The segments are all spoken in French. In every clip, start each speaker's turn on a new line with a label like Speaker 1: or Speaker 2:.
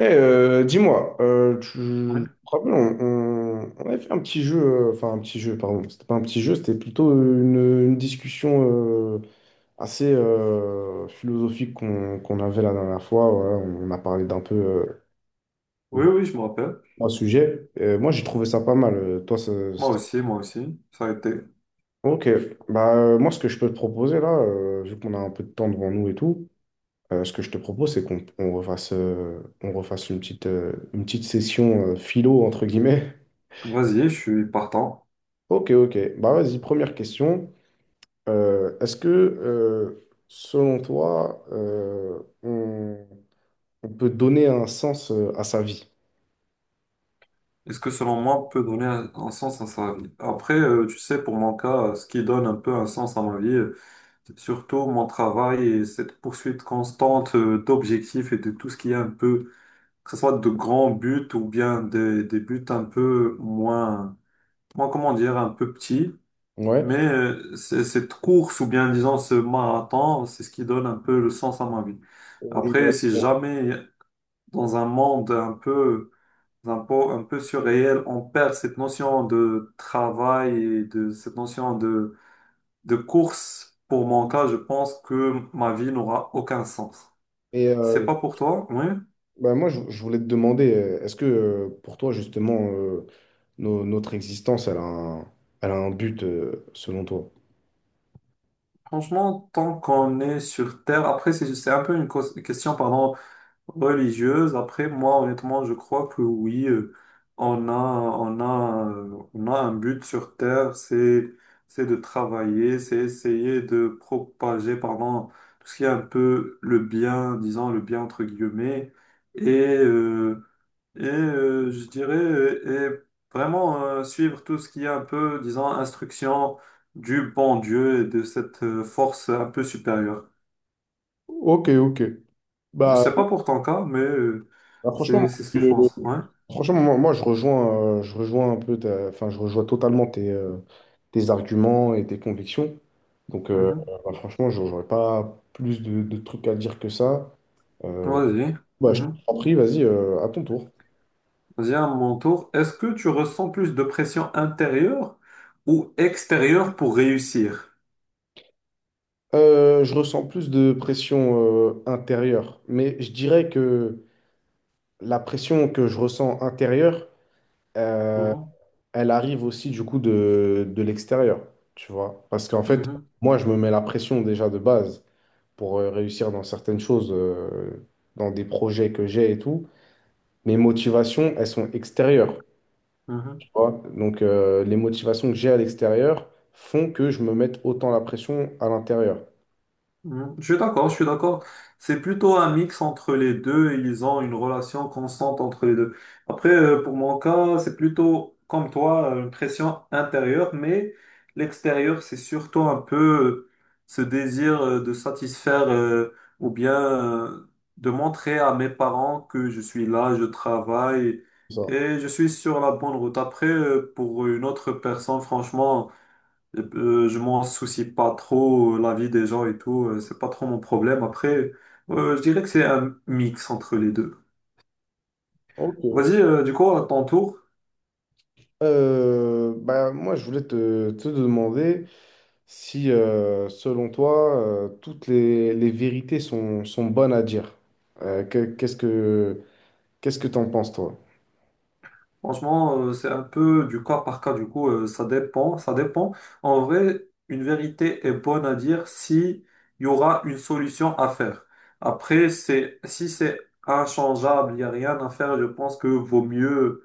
Speaker 1: Eh, dis-moi, tu je
Speaker 2: Oui,
Speaker 1: me rappelle, on avait fait un petit jeu, enfin un petit jeu, pardon, c'était pas un petit jeu, c'était plutôt une discussion assez philosophique qu'on avait la dernière fois. Voilà. On a parlé d'un peu
Speaker 2: oui,
Speaker 1: de
Speaker 2: oui, je me rappelle.
Speaker 1: trois sujets. Et moi, j'ai trouvé ça pas mal. Toi.
Speaker 2: Moi aussi, moi aussi. Ça a été.
Speaker 1: Ok, bah moi, ce que je peux te proposer là, vu qu'on a un peu de temps devant nous et tout, ce que je te propose, c'est qu'on refasse une petite session philo entre guillemets.
Speaker 2: Vas-y, je suis partant.
Speaker 1: Ok, ok. Bah vas-y, première question. Est-ce que, selon toi, on peut donner un sens à sa vie?
Speaker 2: Est-ce que selon moi, on peut donner un sens à sa vie? Après, tu sais, pour mon cas, ce qui donne un peu un sens à ma vie, c'est surtout mon travail et cette poursuite constante d'objectifs et de tout ce qui est un peu, que ce soit de grands buts ou bien des buts un peu moins, moins, comment dire, un peu petits. Mais
Speaker 1: Ouais.
Speaker 2: cette course ou bien disons ce marathon, c'est ce qui donne un peu le sens à ma vie.
Speaker 1: Et, euh,
Speaker 2: Après, si jamais dans un monde un peu, un peu, un peu surréel, on perd cette notion de travail et de cette notion de course. Pour mon cas, je pense que ma vie n'aura aucun sens.
Speaker 1: et,
Speaker 2: C'est
Speaker 1: euh,
Speaker 2: pas pour toi, oui.
Speaker 1: Bah, moi, je voulais te demander, est-ce que pour toi, justement, notre existence, elle a un but, selon toi?
Speaker 2: Franchement, tant qu'on est sur Terre, après, c'est un peu une question, pardon, religieuse. Après, moi, honnêtement, je crois que oui, on a un but sur Terre, c'est de travailler, c'est essayer de propager, pardon, tout ce qui est un peu le bien, disons le bien entre guillemets, et, euh, je dirais, et vraiment suivre tout ce qui est un peu, disons, instruction du bon Dieu et de cette force un peu supérieure.
Speaker 1: Ok, ok.
Speaker 2: Je
Speaker 1: Bah,
Speaker 2: sais pas pour ton cas, mais
Speaker 1: bah, franchement, moi,
Speaker 2: c'est ce que je pense. Ouais.
Speaker 1: je- franchement, moi, je rejoins, enfin, je rejoins totalement tes arguments et tes convictions. Donc,
Speaker 2: Mhm.
Speaker 1: bah, franchement, j'aurais pas plus de trucs à dire que ça. Euh,
Speaker 2: Ouais, vas-y.
Speaker 1: bah, je
Speaker 2: Mhm.
Speaker 1: t'en prie, vas-y, à ton tour.
Speaker 2: Vas-y, à mon tour. Est-ce que tu ressens plus de pression intérieure ou extérieure pour réussir?
Speaker 1: Je ressens plus de pression intérieure, mais je dirais que la pression que je ressens intérieure, euh,
Speaker 2: Mhm.
Speaker 1: elle arrive aussi du coup de l'extérieur, tu vois. Parce qu'en fait,
Speaker 2: Mhm.
Speaker 1: moi, je me mets la pression déjà de base pour réussir dans certaines choses, dans des projets que j'ai et tout. Mes motivations, elles sont extérieures.
Speaker 2: Mhm.
Speaker 1: Vois. Donc, les motivations que j'ai à l'extérieur font que je me mette autant la pression à l'intérieur.
Speaker 2: Mhm. Je suis d'accord, je suis d'accord. C'est plutôt un mix entre les deux et ils ont une relation constante entre les deux. Après, pour mon cas, c'est plutôt comme toi, une pression intérieure, mais l'extérieur, c'est surtout un peu ce désir de satisfaire ou bien de montrer à mes parents que je suis là, je travaille
Speaker 1: Ça.
Speaker 2: et je suis sur la bonne route. Après, pour une autre personne, franchement… je m'en soucie pas trop, la vie des gens et tout, c'est pas trop mon problème. Après, je dirais que c'est un mix entre les deux.
Speaker 1: Ok, ok.
Speaker 2: Vas-y, du coup, à ton tour.
Speaker 1: Bah, moi, je voulais te demander si, selon toi, toutes les vérités sont bonnes à dire. Euh, que- qu'est-ce que, qu'est-ce que t'en penses, toi?
Speaker 2: Franchement, c'est un peu du cas par cas, du coup, ça dépend, ça dépend. En vrai, une vérité est bonne à dire si il y aura une solution à faire. Après, c'est, si c'est inchangeable, il n'y a rien à faire, je pense que vaut mieux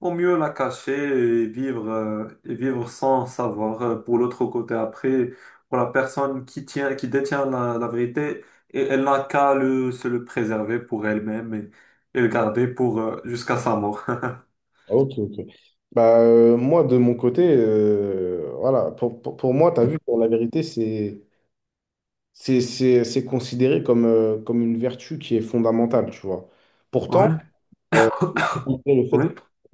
Speaker 2: au mieux la cacher et vivre sans savoir pour l'autre côté. Après, pour la personne qui tient, qui détient la vérité, et elle n'a qu'à le, se le préserver pour elle-même et le garder pour, jusqu'à sa mort.
Speaker 1: Ok, ok. Bah, moi, de mon côté, voilà, pour moi, tu as vu que la vérité, c'est considéré comme, comme une vertu qui est fondamentale, tu vois. Pourtant,
Speaker 2: Ouais,
Speaker 1: euh, malgré le fait
Speaker 2: oui.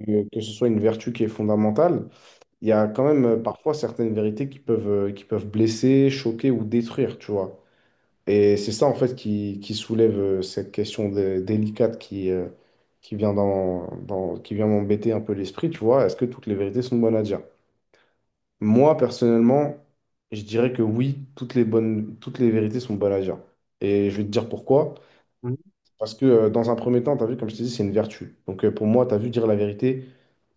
Speaker 1: que ce soit une vertu qui est fondamentale, il y a quand même parfois certaines vérités qui peuvent blesser, choquer ou détruire, tu vois. Et c'est ça, en fait, qui soulève cette question délicate qui vient qui vient m'embêter un peu l'esprit, tu vois. Est-ce que toutes les vérités sont bonnes à dire? Moi, personnellement, je dirais que oui, toutes les vérités sont bonnes à dire. Et je vais te dire pourquoi.
Speaker 2: Oui,
Speaker 1: Parce que dans un premier temps, tu as vu, comme je t'ai dit, c'est une vertu. Donc pour moi, tu as vu dire la vérité.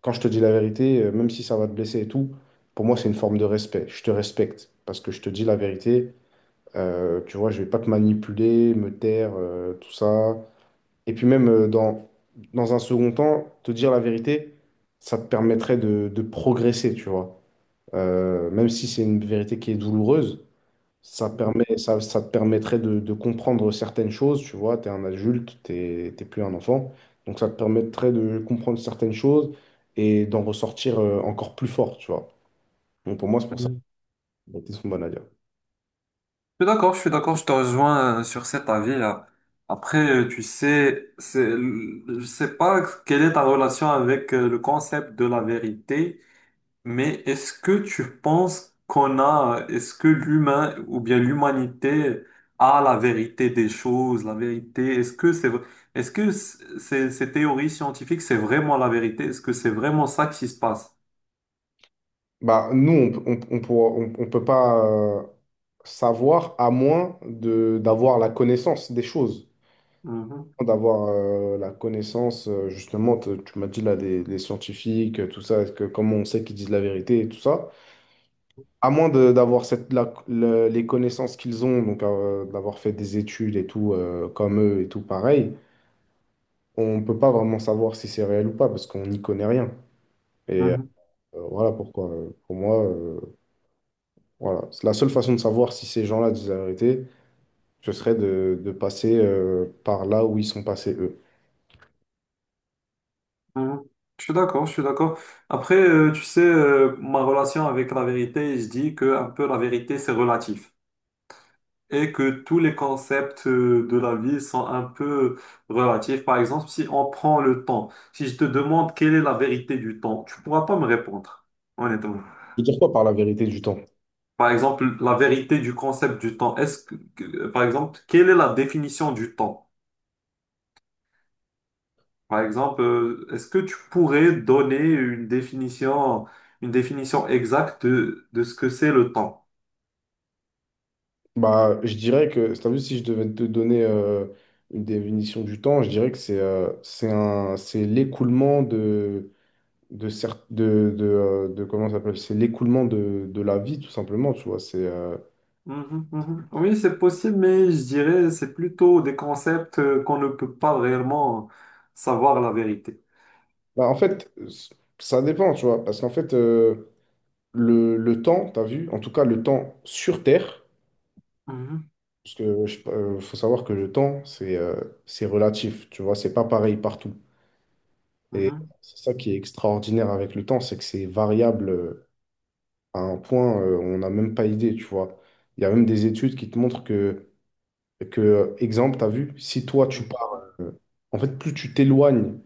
Speaker 1: Quand je te dis la vérité, même si ça va te blesser et tout, pour moi, c'est une forme de respect. Je te respecte parce que je te dis la vérité. Tu vois, je vais pas te manipuler, me taire, tout ça. Et puis même dans un second temps, te dire la vérité, ça te permettrait de progresser, tu vois. Même si c'est une vérité qui est douloureuse, ça te permettrait de comprendre certaines choses, tu vois, tu es un adulte, t'es plus un enfant, donc ça te permettrait de comprendre certaines choses et d'en ressortir encore plus fort, tu vois. Donc pour moi, c'est pour ça
Speaker 2: oui.
Speaker 1: que les sont bonnes à dire.
Speaker 2: Je suis d'accord, je suis d'accord, je te rejoins sur cet avis-là. Après, tu sais, c'est, je sais pas quelle est ta relation avec le concept de la vérité. Mais est-ce que tu penses qu'on a, est-ce que l'humain ou bien l'humanité a la vérité des choses, la vérité, est-ce que c'est, est-ce que ces, ces théories scientifiques, c'est vraiment la vérité? Est-ce que c'est vraiment ça qui se passe?
Speaker 1: Bah, nous, on, peut- on, pourra- on peut pas euh, savoir à moins d'avoir la connaissance des choses,
Speaker 2: Mhm,
Speaker 1: d'avoir la connaissance, justement, tu m'as dit là, des scientifiques, tout ça, comment on sait qu'ils disent la vérité et tout ça. À moins d'avoir les connaissances qu'ils ont, donc d'avoir fait des études et tout, comme eux et tout pareil, on ne peut pas vraiment savoir si c'est réel ou pas parce qu'on n'y connaît rien. Et
Speaker 2: mhm,
Speaker 1: voilà pourquoi, pour moi, voilà. C'est La seule façon de savoir si ces gens-là disent la vérité, ce serait de passer par là où ils sont passés eux.
Speaker 2: mhm. Je suis d'accord, je suis d'accord. Après, tu sais, ma relation avec la vérité, je dis que un peu la vérité, c'est relatif, et que tous les concepts de la vie sont un peu relatifs. Par exemple, si on prend le temps, si je te demande quelle est la vérité du temps, tu pourras pas me répondre, honnêtement.
Speaker 1: Je veux dire quoi par la vérité du temps?
Speaker 2: Par exemple, la vérité du concept du temps, est-ce que, par exemple, quelle est la définition du temps? Par exemple, est-ce que tu pourrais donner une définition exacte de ce que c'est le temps?
Speaker 1: Bah, je dirais que, t'as vu, si je devais te donner une définition du temps, je dirais que c'est c'est l'écoulement de, cer- de- comment ça s'appelle? C'est l'écoulement de la vie, tout simplement, tu vois. C'est, euh,
Speaker 2: Mhm, mhm. Oui, c'est possible, mais je dirais c'est plutôt des concepts qu'on ne peut pas réellement savoir la vérité.
Speaker 1: bah, en fait, ça dépend, tu vois. Parce qu'en fait, le temps, tu as vu, en tout cas, le temps sur Terre,
Speaker 2: Mhm,
Speaker 1: parce que faut savoir que le temps, c'est relatif, tu vois. C'est pas pareil partout. Et
Speaker 2: mhm,
Speaker 1: c'est ça qui est extraordinaire avec le temps, c'est que c'est variable à un point, on n'a même pas idée, tu vois. Il y a même des études qui te montrent que exemple, tu as vu, si toi tu
Speaker 2: mhm,
Speaker 1: pars, en fait, plus tu t'éloignes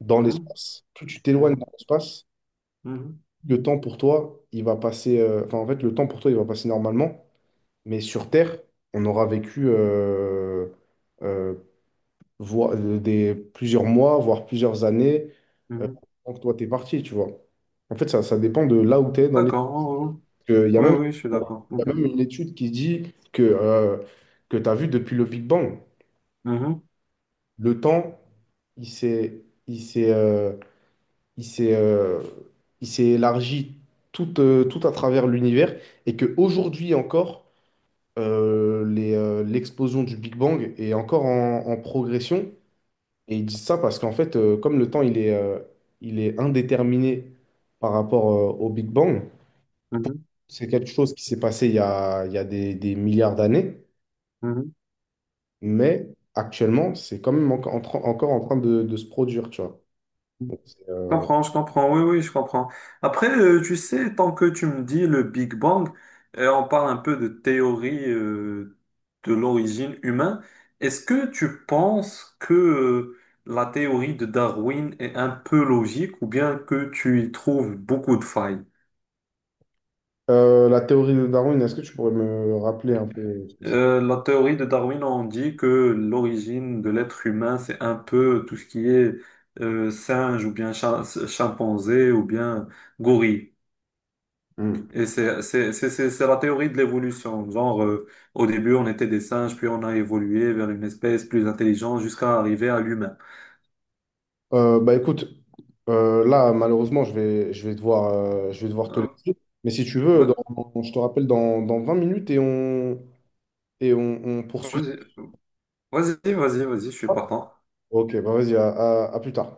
Speaker 1: dans
Speaker 2: mhm,
Speaker 1: plus tu t'éloignes
Speaker 2: mhm,
Speaker 1: dans l'espace,
Speaker 2: mhm,
Speaker 1: le temps pour toi, il va passer, enfin, en fait, le temps pour toi, il va passer normalement, mais sur Terre, on aura vécu euh, plusieurs mois, voire plusieurs années, euh,
Speaker 2: mhm.
Speaker 1: avant que toi, t'es parti, tu vois. En fait, ça dépend de là où tu es dans les...
Speaker 2: D'accord. Oui,
Speaker 1: Il y a
Speaker 2: oui,
Speaker 1: même,
Speaker 2: oui, je suis d'accord.
Speaker 1: il y a même
Speaker 2: Mhm,
Speaker 1: une étude qui dit que tu as vu depuis le Big Bang.
Speaker 2: mhm,
Speaker 1: Le temps, il s'est, il s'est, euh, il s'est, euh, il s'est élargi tout à travers l'univers et que aujourd'hui encore, l'explosion du Big Bang est encore en progression. Et ils disent ça parce qu'en fait, comme le temps, il est indéterminé par rapport, au Big Bang,
Speaker 2: mhm,
Speaker 1: c'est quelque chose qui s'est passé il y a des milliards d'années,
Speaker 2: mhm.
Speaker 1: mais actuellement, c'est quand même encore en train de se produire, tu vois. Donc,
Speaker 2: Je comprends, oui, oui, je comprends. Après, tu sais, tant que tu me dis le Big Bang, on parle un peu de théorie de l'origine humaine, est-ce que tu penses que la théorie de Darwin est un peu logique ou bien que tu y trouves beaucoup de failles?
Speaker 1: la théorie de Darwin, est-ce que tu pourrais me rappeler un peu ce que c'est?
Speaker 2: La théorie de Darwin, on dit que l'origine de l'être humain, c'est un peu tout ce qui est singe ou bien chimpanzé ou bien gorille.
Speaker 1: Hmm.
Speaker 2: Et c'est la théorie de l'évolution. Genre, au début, on était des singes, puis on a évolué vers une espèce plus intelligente jusqu'à arriver à l'humain.
Speaker 1: Bah écoute, là malheureusement je vais devoir te
Speaker 2: Euh,
Speaker 1: laisser. Mais si tu veux,
Speaker 2: ouais,
Speaker 1: je te rappelle dans 20 minutes et on poursuit.
Speaker 2: vas-y, vas-y, vas-y, vas-y, je suis partant.
Speaker 1: Ok, bah vas-y, à plus tard.